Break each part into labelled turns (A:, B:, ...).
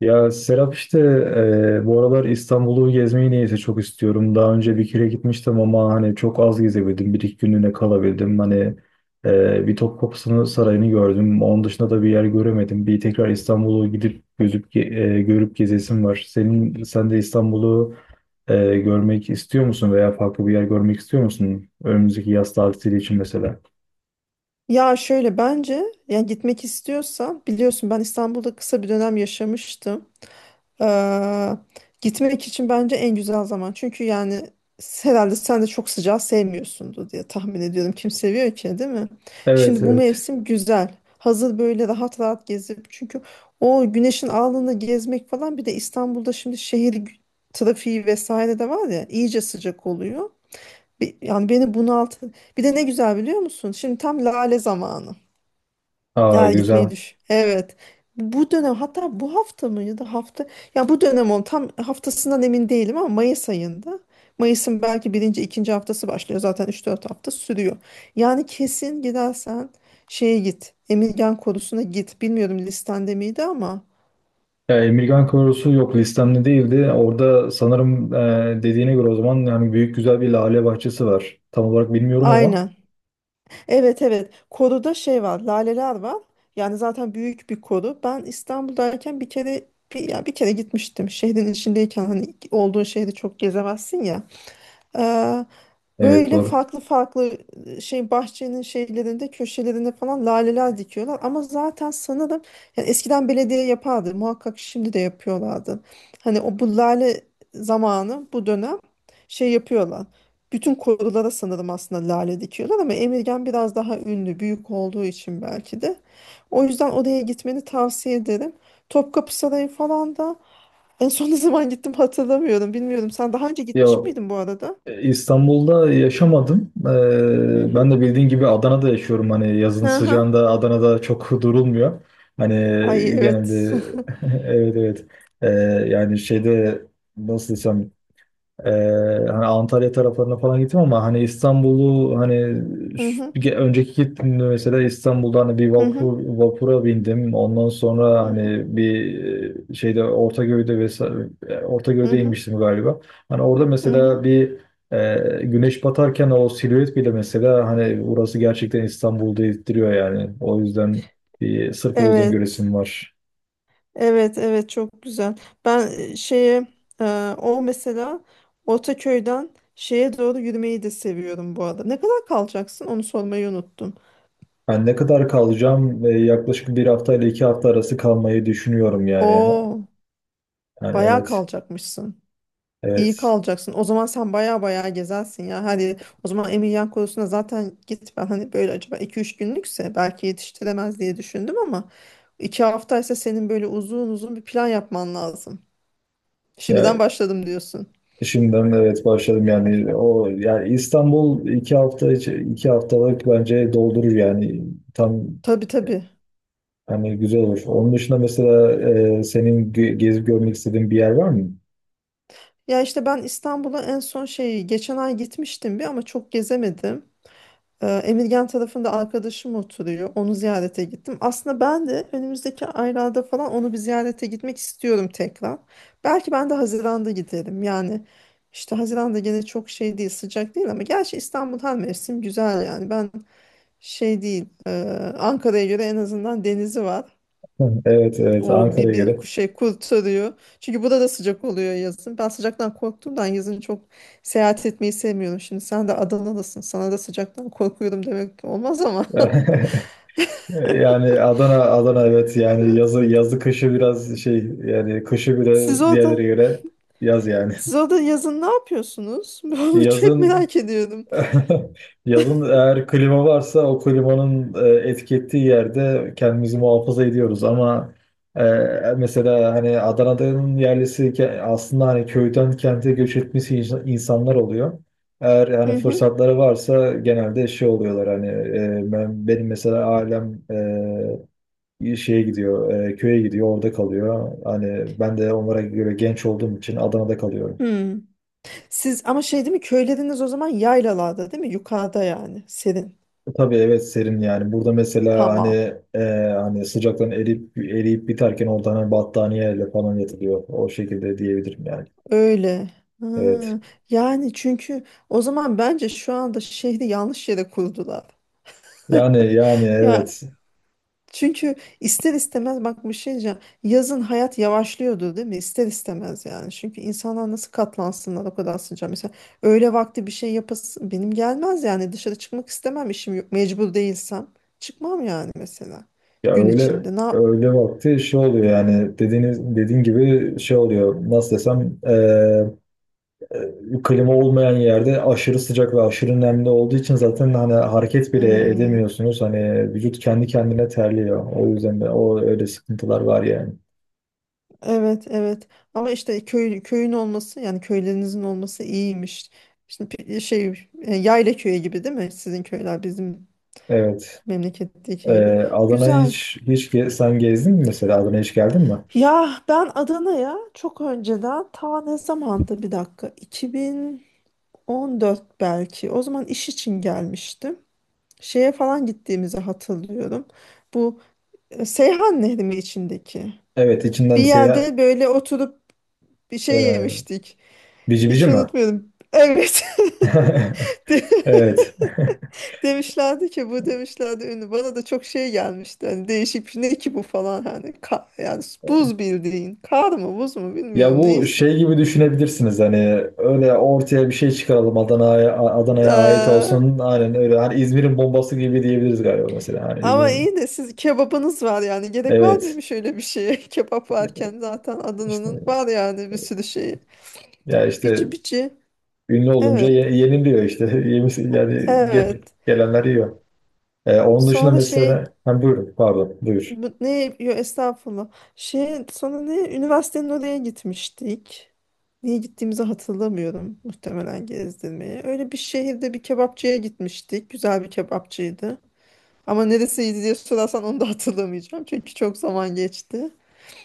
A: Ya, Serap işte, bu aralar İstanbul'u gezmeyi neyse çok istiyorum. Daha önce bir kere gitmiştim ama hani çok az gezebildim. Bir iki günlüğüne kalabildim. Hani bir Topkapı Sarayı'nı gördüm. Onun dışında da bir yer göremedim. Bir tekrar İstanbul'u gidip görüp gezesim var. Sen de İstanbul'u görmek istiyor musun veya farklı bir yer görmek istiyor musun? Önümüzdeki yaz tatili için mesela.
B: Ya şöyle bence yani gitmek istiyorsa biliyorsun ben İstanbul'da kısa bir dönem yaşamıştım. Ee, Gitmek için bence en güzel zaman. Çünkü yani herhalde sen de çok sıcağı sevmiyorsundur diye tahmin ediyorum. Kim seviyor ki değil mi?
A: Evet,
B: Şimdi bu
A: evet.
B: mevsim güzel. Hazır böyle rahat rahat gezip çünkü o güneşin alnını gezmek falan bir de İstanbul'da şimdi trafiği vesaire de var ya iyice sıcak oluyor. Yani beni bunaltı. Bir de ne güzel biliyor musun? Şimdi tam lale zamanı.
A: Aa,
B: Ya gitmeyi
A: güzel.
B: düş. Evet. Bu dönem hatta bu hafta mı ya da hafta ya bu dönem on tam haftasından emin değilim ama Mayıs ayında Mayıs'ın belki birinci ikinci haftası başlıyor zaten üç dört hafta sürüyor. Yani kesin gidersen şeye git Emirgan Korusu'na git bilmiyorum listende miydi ama
A: Ya, Emirgan Korosu yok, listemde değildi. Orada sanırım dediğine göre o zaman yani büyük güzel bir lale bahçesi var. Tam olarak bilmiyorum ama
B: aynen evet evet koruda şey var laleler var yani zaten büyük bir koru ben İstanbul'dayken bir kere bir kere gitmiştim şehrin içindeyken hani olduğun şehri çok gezemezsin ya.
A: evet,
B: Böyle
A: doğru.
B: farklı farklı şey bahçenin şeylerinde köşelerinde falan laleler dikiyorlar ama zaten sanırım yani eskiden belediye yapardı muhakkak şimdi de yapıyorlardı. Hani o bu lale zamanı bu dönem şey yapıyorlar. Bütün korulara sanırım aslında lale dikiyorlar ama Emirgan biraz daha ünlü büyük olduğu için belki de. O yüzden oraya gitmeni tavsiye ederim. Topkapı Sarayı falan da en son ne zaman gittim hatırlamıyorum bilmiyorum. Sen daha önce
A: Ya,
B: gitmiş miydin bu arada?
A: İstanbul'da yaşamadım.
B: Hı hı.
A: Ben de bildiğin gibi Adana'da yaşıyorum. Hani yazın
B: Aha.
A: sıcağında Adana'da çok durulmuyor. Hani
B: Ay evet.
A: genelde evet, evet. E, Yani şeyde, nasıl desem, Ee, hani Antalya taraflarına falan gittim ama hani İstanbul'u hani
B: Hı hı,
A: önceki gittiğimde mesela İstanbul'da hani
B: hı hı,
A: vapura bindim. Ondan sonra
B: hı hı,
A: hani bir şeyde Ortaköy'de vesaire,
B: hı
A: Ortaköy'de
B: hı,
A: inmiştim galiba. Hani orada
B: hı hı.
A: mesela bir güneş batarken o silüet bile mesela hani burası gerçekten İstanbul'da ettiriyor yani. O yüzden bir sırf o yüzden
B: Evet.
A: göresim var.
B: Evet, evet çok güzel. Ben şeye e, o mesela Ortaköy'den şeye doğru yürümeyi de seviyorum bu arada. Ne kadar kalacaksın? Onu sormayı unuttum.
A: Ben ne kadar kalacağım? Yaklaşık bir hafta ile iki hafta arası kalmayı düşünüyorum yani.
B: Oo,
A: Yani
B: bayağı
A: evet,
B: kalacakmışsın. İyi
A: evet.
B: kalacaksın. O zaman sen baya baya gezersin ya. Hadi o zaman Emilianko'suna zaten git. Ben hani böyle acaba iki üç günlükse belki yetiştiremez diye düşündüm ama 2 haftaysa senin böyle uzun uzun bir plan yapman lazım. Şimdiden
A: Ya,
B: başladım diyorsun.
A: şimdiden de evet, başladım yani. O yani İstanbul iki haftalık bence doldurur yani, tam
B: Tabii tabii.
A: hani güzel olur. Onun dışında mesela senin gezip görmek istediğin bir yer var mı?
B: Ya işte ben İstanbul'a en son şey geçen ay gitmiştim bir ama çok gezemedim. Emirgan tarafında arkadaşım oturuyor. Onu ziyarete gittim. Aslında ben de önümüzdeki aylarda falan onu bir ziyarete gitmek istiyorum tekrar. Belki ben de Haziran'da giderim. Yani işte Haziran'da gene çok şey değil, sıcak değil ama gerçi İstanbul her mevsim güzel yani. Ben şey değil, e, Ankara'ya göre en azından denizi var.
A: Evet, evet,
B: O
A: Ankara'ya göre.
B: bir şey kurtarıyor. Çünkü burada da sıcak oluyor yazın. Ben sıcaktan korktuğumdan yazın çok seyahat etmeyi sevmiyorum. Şimdi sen de Adana'dasın. Sana da sıcaktan korkuyorum demek olmaz ama.
A: Yani Adana Adana, evet yani, yazı yazı kışı biraz şey yani, kışı bile
B: Siz
A: diğerlere
B: orada,
A: göre yaz yani.
B: siz orada yazın ne yapıyorsunuz? Ben çok
A: Yazın
B: merak ediyorum.
A: yazın, eğer klima varsa o klimanın etki ettiği yerde kendimizi muhafaza ediyoruz ama e, mesela hani Adana'nın yerlisi aslında hani köyden kente göç etmesi insanlar oluyor. Eğer
B: Hı
A: hani
B: hı.
A: fırsatları varsa genelde şey oluyorlar hani, benim mesela ailem, köye gidiyor, orada kalıyor. Hani ben de onlara göre genç olduğum için Adana'da kalıyorum.
B: Hmm. Siz ama şey değil mi köyleriniz o zaman yaylalarda değil mi? Yukarıda yani serin.
A: Tabii, evet, serin yani. Burada mesela hani,
B: Tamam.
A: e, hani sıcaktan eriyip eriyip biterken orada hani battaniyeyle falan yatılıyor. O şekilde diyebilirim yani.
B: Öyle. Ha,
A: Evet.
B: yani çünkü o zaman bence şu anda şehri yanlış yere kurdular.
A: Yani
B: Ya.
A: evet.
B: Çünkü ister istemez bak bir şey diyeceğim. Yazın hayat yavaşlıyordu değil mi? İster istemez yani. Çünkü insanlar nasıl katlansınlar o kadar sıcağa. Mesela öğle vakti bir şey yapasın benim gelmez yani. Dışarı çıkmak istemem işim yok. Mecbur değilsem çıkmam yani mesela
A: Ya,
B: gün
A: öyle
B: içinde.
A: öyle vakti şey oluyor yani, dediğin gibi şey oluyor. Nasıl desem, klima olmayan yerde aşırı sıcak ve aşırı nemli olduğu için zaten hani hareket bile
B: Hmm,
A: edemiyorsunuz. Hani vücut kendi kendine terliyor. O yüzden de o öyle sıkıntılar var yani.
B: evet evet. Ama işte köyün olması yani köylerinizin olması iyiymiş. Şimdi yayla köyü gibi değil mi? Sizin köyler bizim
A: Evet. Ee,
B: memleketteki gibi.
A: Adana'ya
B: Güzel.
A: hiç sen gezdin mi mesela? Adana'ya hiç geldin mi?
B: Ya ben Adana'ya çok önceden ta ne zamandı bir dakika 2014 belki o zaman iş için gelmiştim. Şeye falan gittiğimizi hatırlıyorum. Bu Seyhan Nehri mi içindeki?
A: Evet,
B: Bir
A: içinden seyahat...
B: yerde böyle oturup bir şey
A: E,
B: yemiştik.
A: Bici bici
B: Hiç
A: mi?
B: unutmuyorum. Evet. De-
A: Evet.
B: Demişlerdi ki bu demişlerdi ünlü. Bana da çok şey gelmişti. Hani değişik bir şey. Ne ki bu falan hani yani buz bildiğin. Kar mı buz mu
A: Ya,
B: bilmiyorum
A: bu
B: neyse.
A: şey gibi düşünebilirsiniz hani, öyle ortaya bir şey çıkaralım, Adana'ya, Adana'ya ait olsun, aynen öyle hani İzmir'in bombası gibi diyebiliriz galiba, mesela hani İzmir,
B: Ama iyi de siz kebabınız var yani. Gerek var
A: evet
B: mıymış öyle bir şeye? Kebap varken zaten
A: işte,
B: Adana'nın var yani bir sürü şeyi.
A: ya işte
B: Bici bici.
A: ünlü olunca
B: Evet.
A: yeniliyor işte. Yani
B: Evet.
A: gelenler yiyor. Onun dışında
B: Sonra şey
A: mesela, ha, buyurun, pardon, buyur.
B: bu- ne yo estağfurullah. Şey sonra ne üniversitenin oraya gitmiştik. Niye gittiğimizi hatırlamıyorum. Muhtemelen gezdirmeye. Öyle bir şehirde bir kebapçıya gitmiştik. Güzel bir kebapçıydı. Ama neresiydi diye sorarsan onu da hatırlamayacağım. Çünkü çok zaman geçti.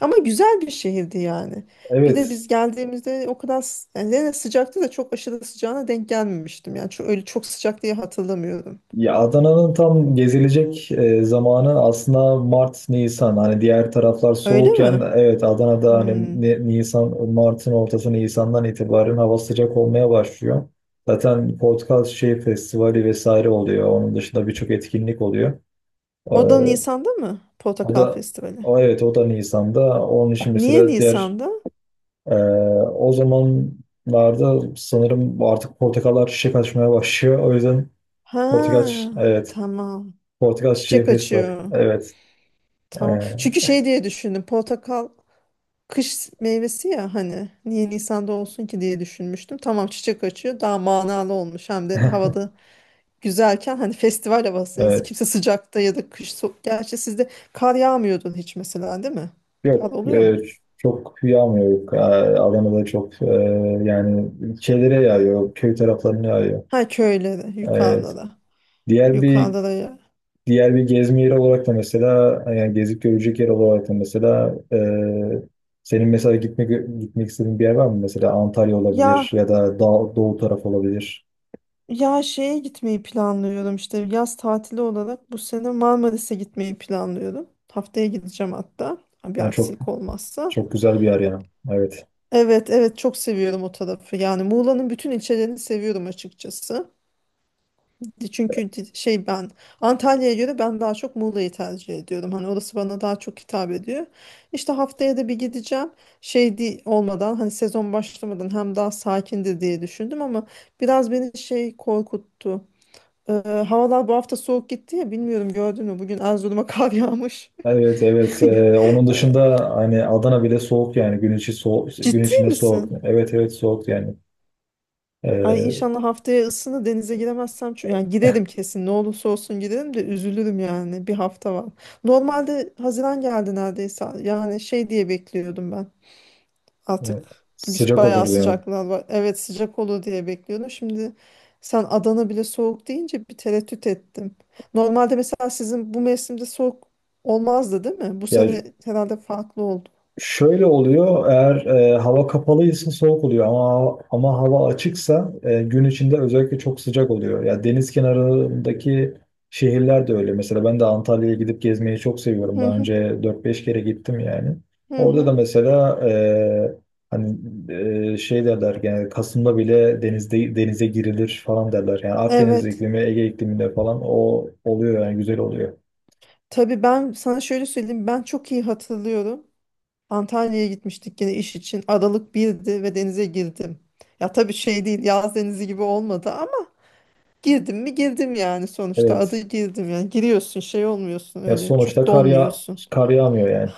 B: Ama güzel bir şehirdi yani. Bir de
A: Evet,
B: biz geldiğimizde o kadar yani yine sıcaktı da çok aşırı sıcağına denk gelmemiştim. Yani öyle çok sıcak diye hatırlamıyorum.
A: ya Adana'nın tam gezilecek zamanı aslında Mart, Nisan. Hani diğer taraflar
B: Öyle
A: soğukken,
B: mi?
A: evet, Adana'da
B: Hmm.
A: hani Nisan, Mart'ın ortası Nisan'dan itibaren hava sıcak olmaya başlıyor. Zaten portakal şey festivali vesaire oluyor. Onun dışında birçok etkinlik oluyor.
B: O da
A: Ee,
B: Nisan'da mı?
A: o
B: Portakal
A: da
B: Festivali.
A: o evet, o da Nisan'da. Onun için
B: Niye
A: mesela diğer,
B: Nisan'da?
A: e, o zamanlarda sanırım artık portakallar çiçek açmaya başlıyor. O yüzden portakal
B: Ha,
A: evet,
B: tamam.
A: Portakal Çiçeği
B: Çiçek
A: Festival.
B: açıyor.
A: Evet. Ee,
B: Tamam. Çünkü şey diye düşündüm. Portakal kış meyvesi ya hani niye Nisan'da olsun ki diye düşünmüştüm. Tamam çiçek açıyor. Daha manalı olmuş. Hem de havada güzelken hani festival havası
A: evet.
B: kimse sıcakta ya da gerçi sizde kar yağmıyordun hiç mesela değil mi? Kar
A: Yok.
B: oluyor mu?
A: Çok yağmıyor. Yok. Adana'da çok yani şeylere yağıyor. Köy taraflarına yağıyor.
B: Ha köylere
A: Evet.
B: yukarıda da
A: Diğer bir
B: yukarıda da ya.
A: diğer bir gezme yeri olarak da mesela, yani gezip görecek yer olarak da mesela, senin mesela gitmek istediğin bir yer var mı? Mesela Antalya olabilir
B: Ya
A: ya da Doğu taraf olabilir.
B: ya şeye gitmeyi planlıyorum işte yaz tatili olarak bu sene Marmaris'e gitmeyi planlıyorum. Haftaya gideceğim hatta ha, bir
A: Yani çok,
B: aksilik olmazsa.
A: çok güzel bir yer yani. Evet.
B: Evet evet çok seviyorum o tarafı yani Muğla'nın bütün ilçelerini seviyorum açıkçası. Çünkü ben Antalya'ya göre ben daha çok Muğla'yı tercih ediyorum. Hani orası bana daha çok hitap ediyor. İşte haftaya da bir gideceğim. Olmadan hani sezon başlamadan hem daha sakindir diye düşündüm ama biraz beni şey korkuttu. Ee, Havalar bu hafta soğuk gitti ya bilmiyorum gördün mü? Bugün Erzurum'a kar yağmış.
A: Evet, evet. Onun
B: Ee,
A: dışında hani Adana bile soğuk yani, gün içi soğuk, gün
B: Ciddi
A: içinde soğuk,
B: misin?
A: evet, evet, soğuk yani.
B: Ay
A: Ee,
B: inşallah haftaya ısını denize giremezsem çünkü yani giderim kesin ne olursa olsun giderim de üzülürüm yani bir hafta var. Normalde Haziran geldi neredeyse yani şey diye bekliyordum ben artık
A: e, Sıcak
B: bayağı
A: olurdu yani.
B: sıcaklar var evet sıcak olur diye bekliyordum. Şimdi sen Adana bile soğuk deyince bir tereddüt ettim. Normalde mesela sizin bu mevsimde soğuk olmazdı değil mi? Bu
A: Ya,
B: sene herhalde farklı oldu.
A: şöyle oluyor, eğer hava kapalıysa soğuk oluyor, ama hava açıksa gün içinde özellikle çok sıcak oluyor. Ya, deniz kenarındaki şehirler de öyle. Mesela ben de Antalya'ya gidip gezmeyi çok seviyorum.
B: Hı
A: Daha
B: hı
A: önce dört beş kere gittim yani.
B: hı.
A: Orada da
B: Hı.
A: mesela hani, şey derler yani, Kasım'da bile denize girilir falan derler. Yani Akdeniz
B: Evet.
A: iklimi, Ege ikliminde falan o oluyor yani, güzel oluyor.
B: Tabii ben sana şöyle söyleyeyim ben çok iyi hatırlıyorum. Antalya'ya gitmiştik yine iş için. Aralık birdi ve denize girdim. Ya tabii şey değil yaz denizi gibi olmadı ama girdim mi girdim yani sonuçta adı
A: Evet.
B: girdim yani giriyorsun şey olmuyorsun
A: Ya,
B: öyle
A: sonuçta
B: çok donmuyorsun.
A: kar yağmıyor yani.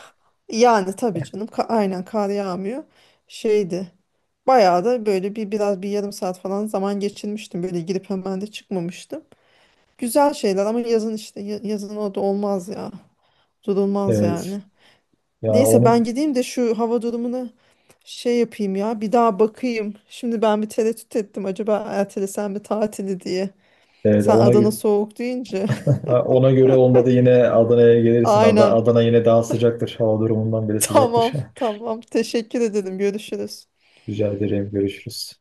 B: Yani tabii canım aynen kar yağmıyor şeydi bayağı da böyle biraz bir yarım saat falan zaman geçirmiştim böyle girip hemen de çıkmamıştım. Güzel şeyler ama yazın işte yazın orada olmaz ya durulmaz
A: Evet.
B: yani.
A: Ya,
B: Neyse ben gideyim de şu hava durumuna şey yapayım ya. Bir daha bakayım. Şimdi ben bir tereddüt ettim. Acaba ertelesem mi tatili diye.
A: evet,
B: Sen Adana soğuk deyince.
A: Ona göre olmadı, yine Adana'ya gelirsin. Adana,
B: Aynen.
A: Adana yine daha sıcaktır. Hava durumundan bile sıcaktır.
B: Tamam, tamam. Teşekkür ederim. Görüşürüz.
A: Rica ederim. Görüşürüz.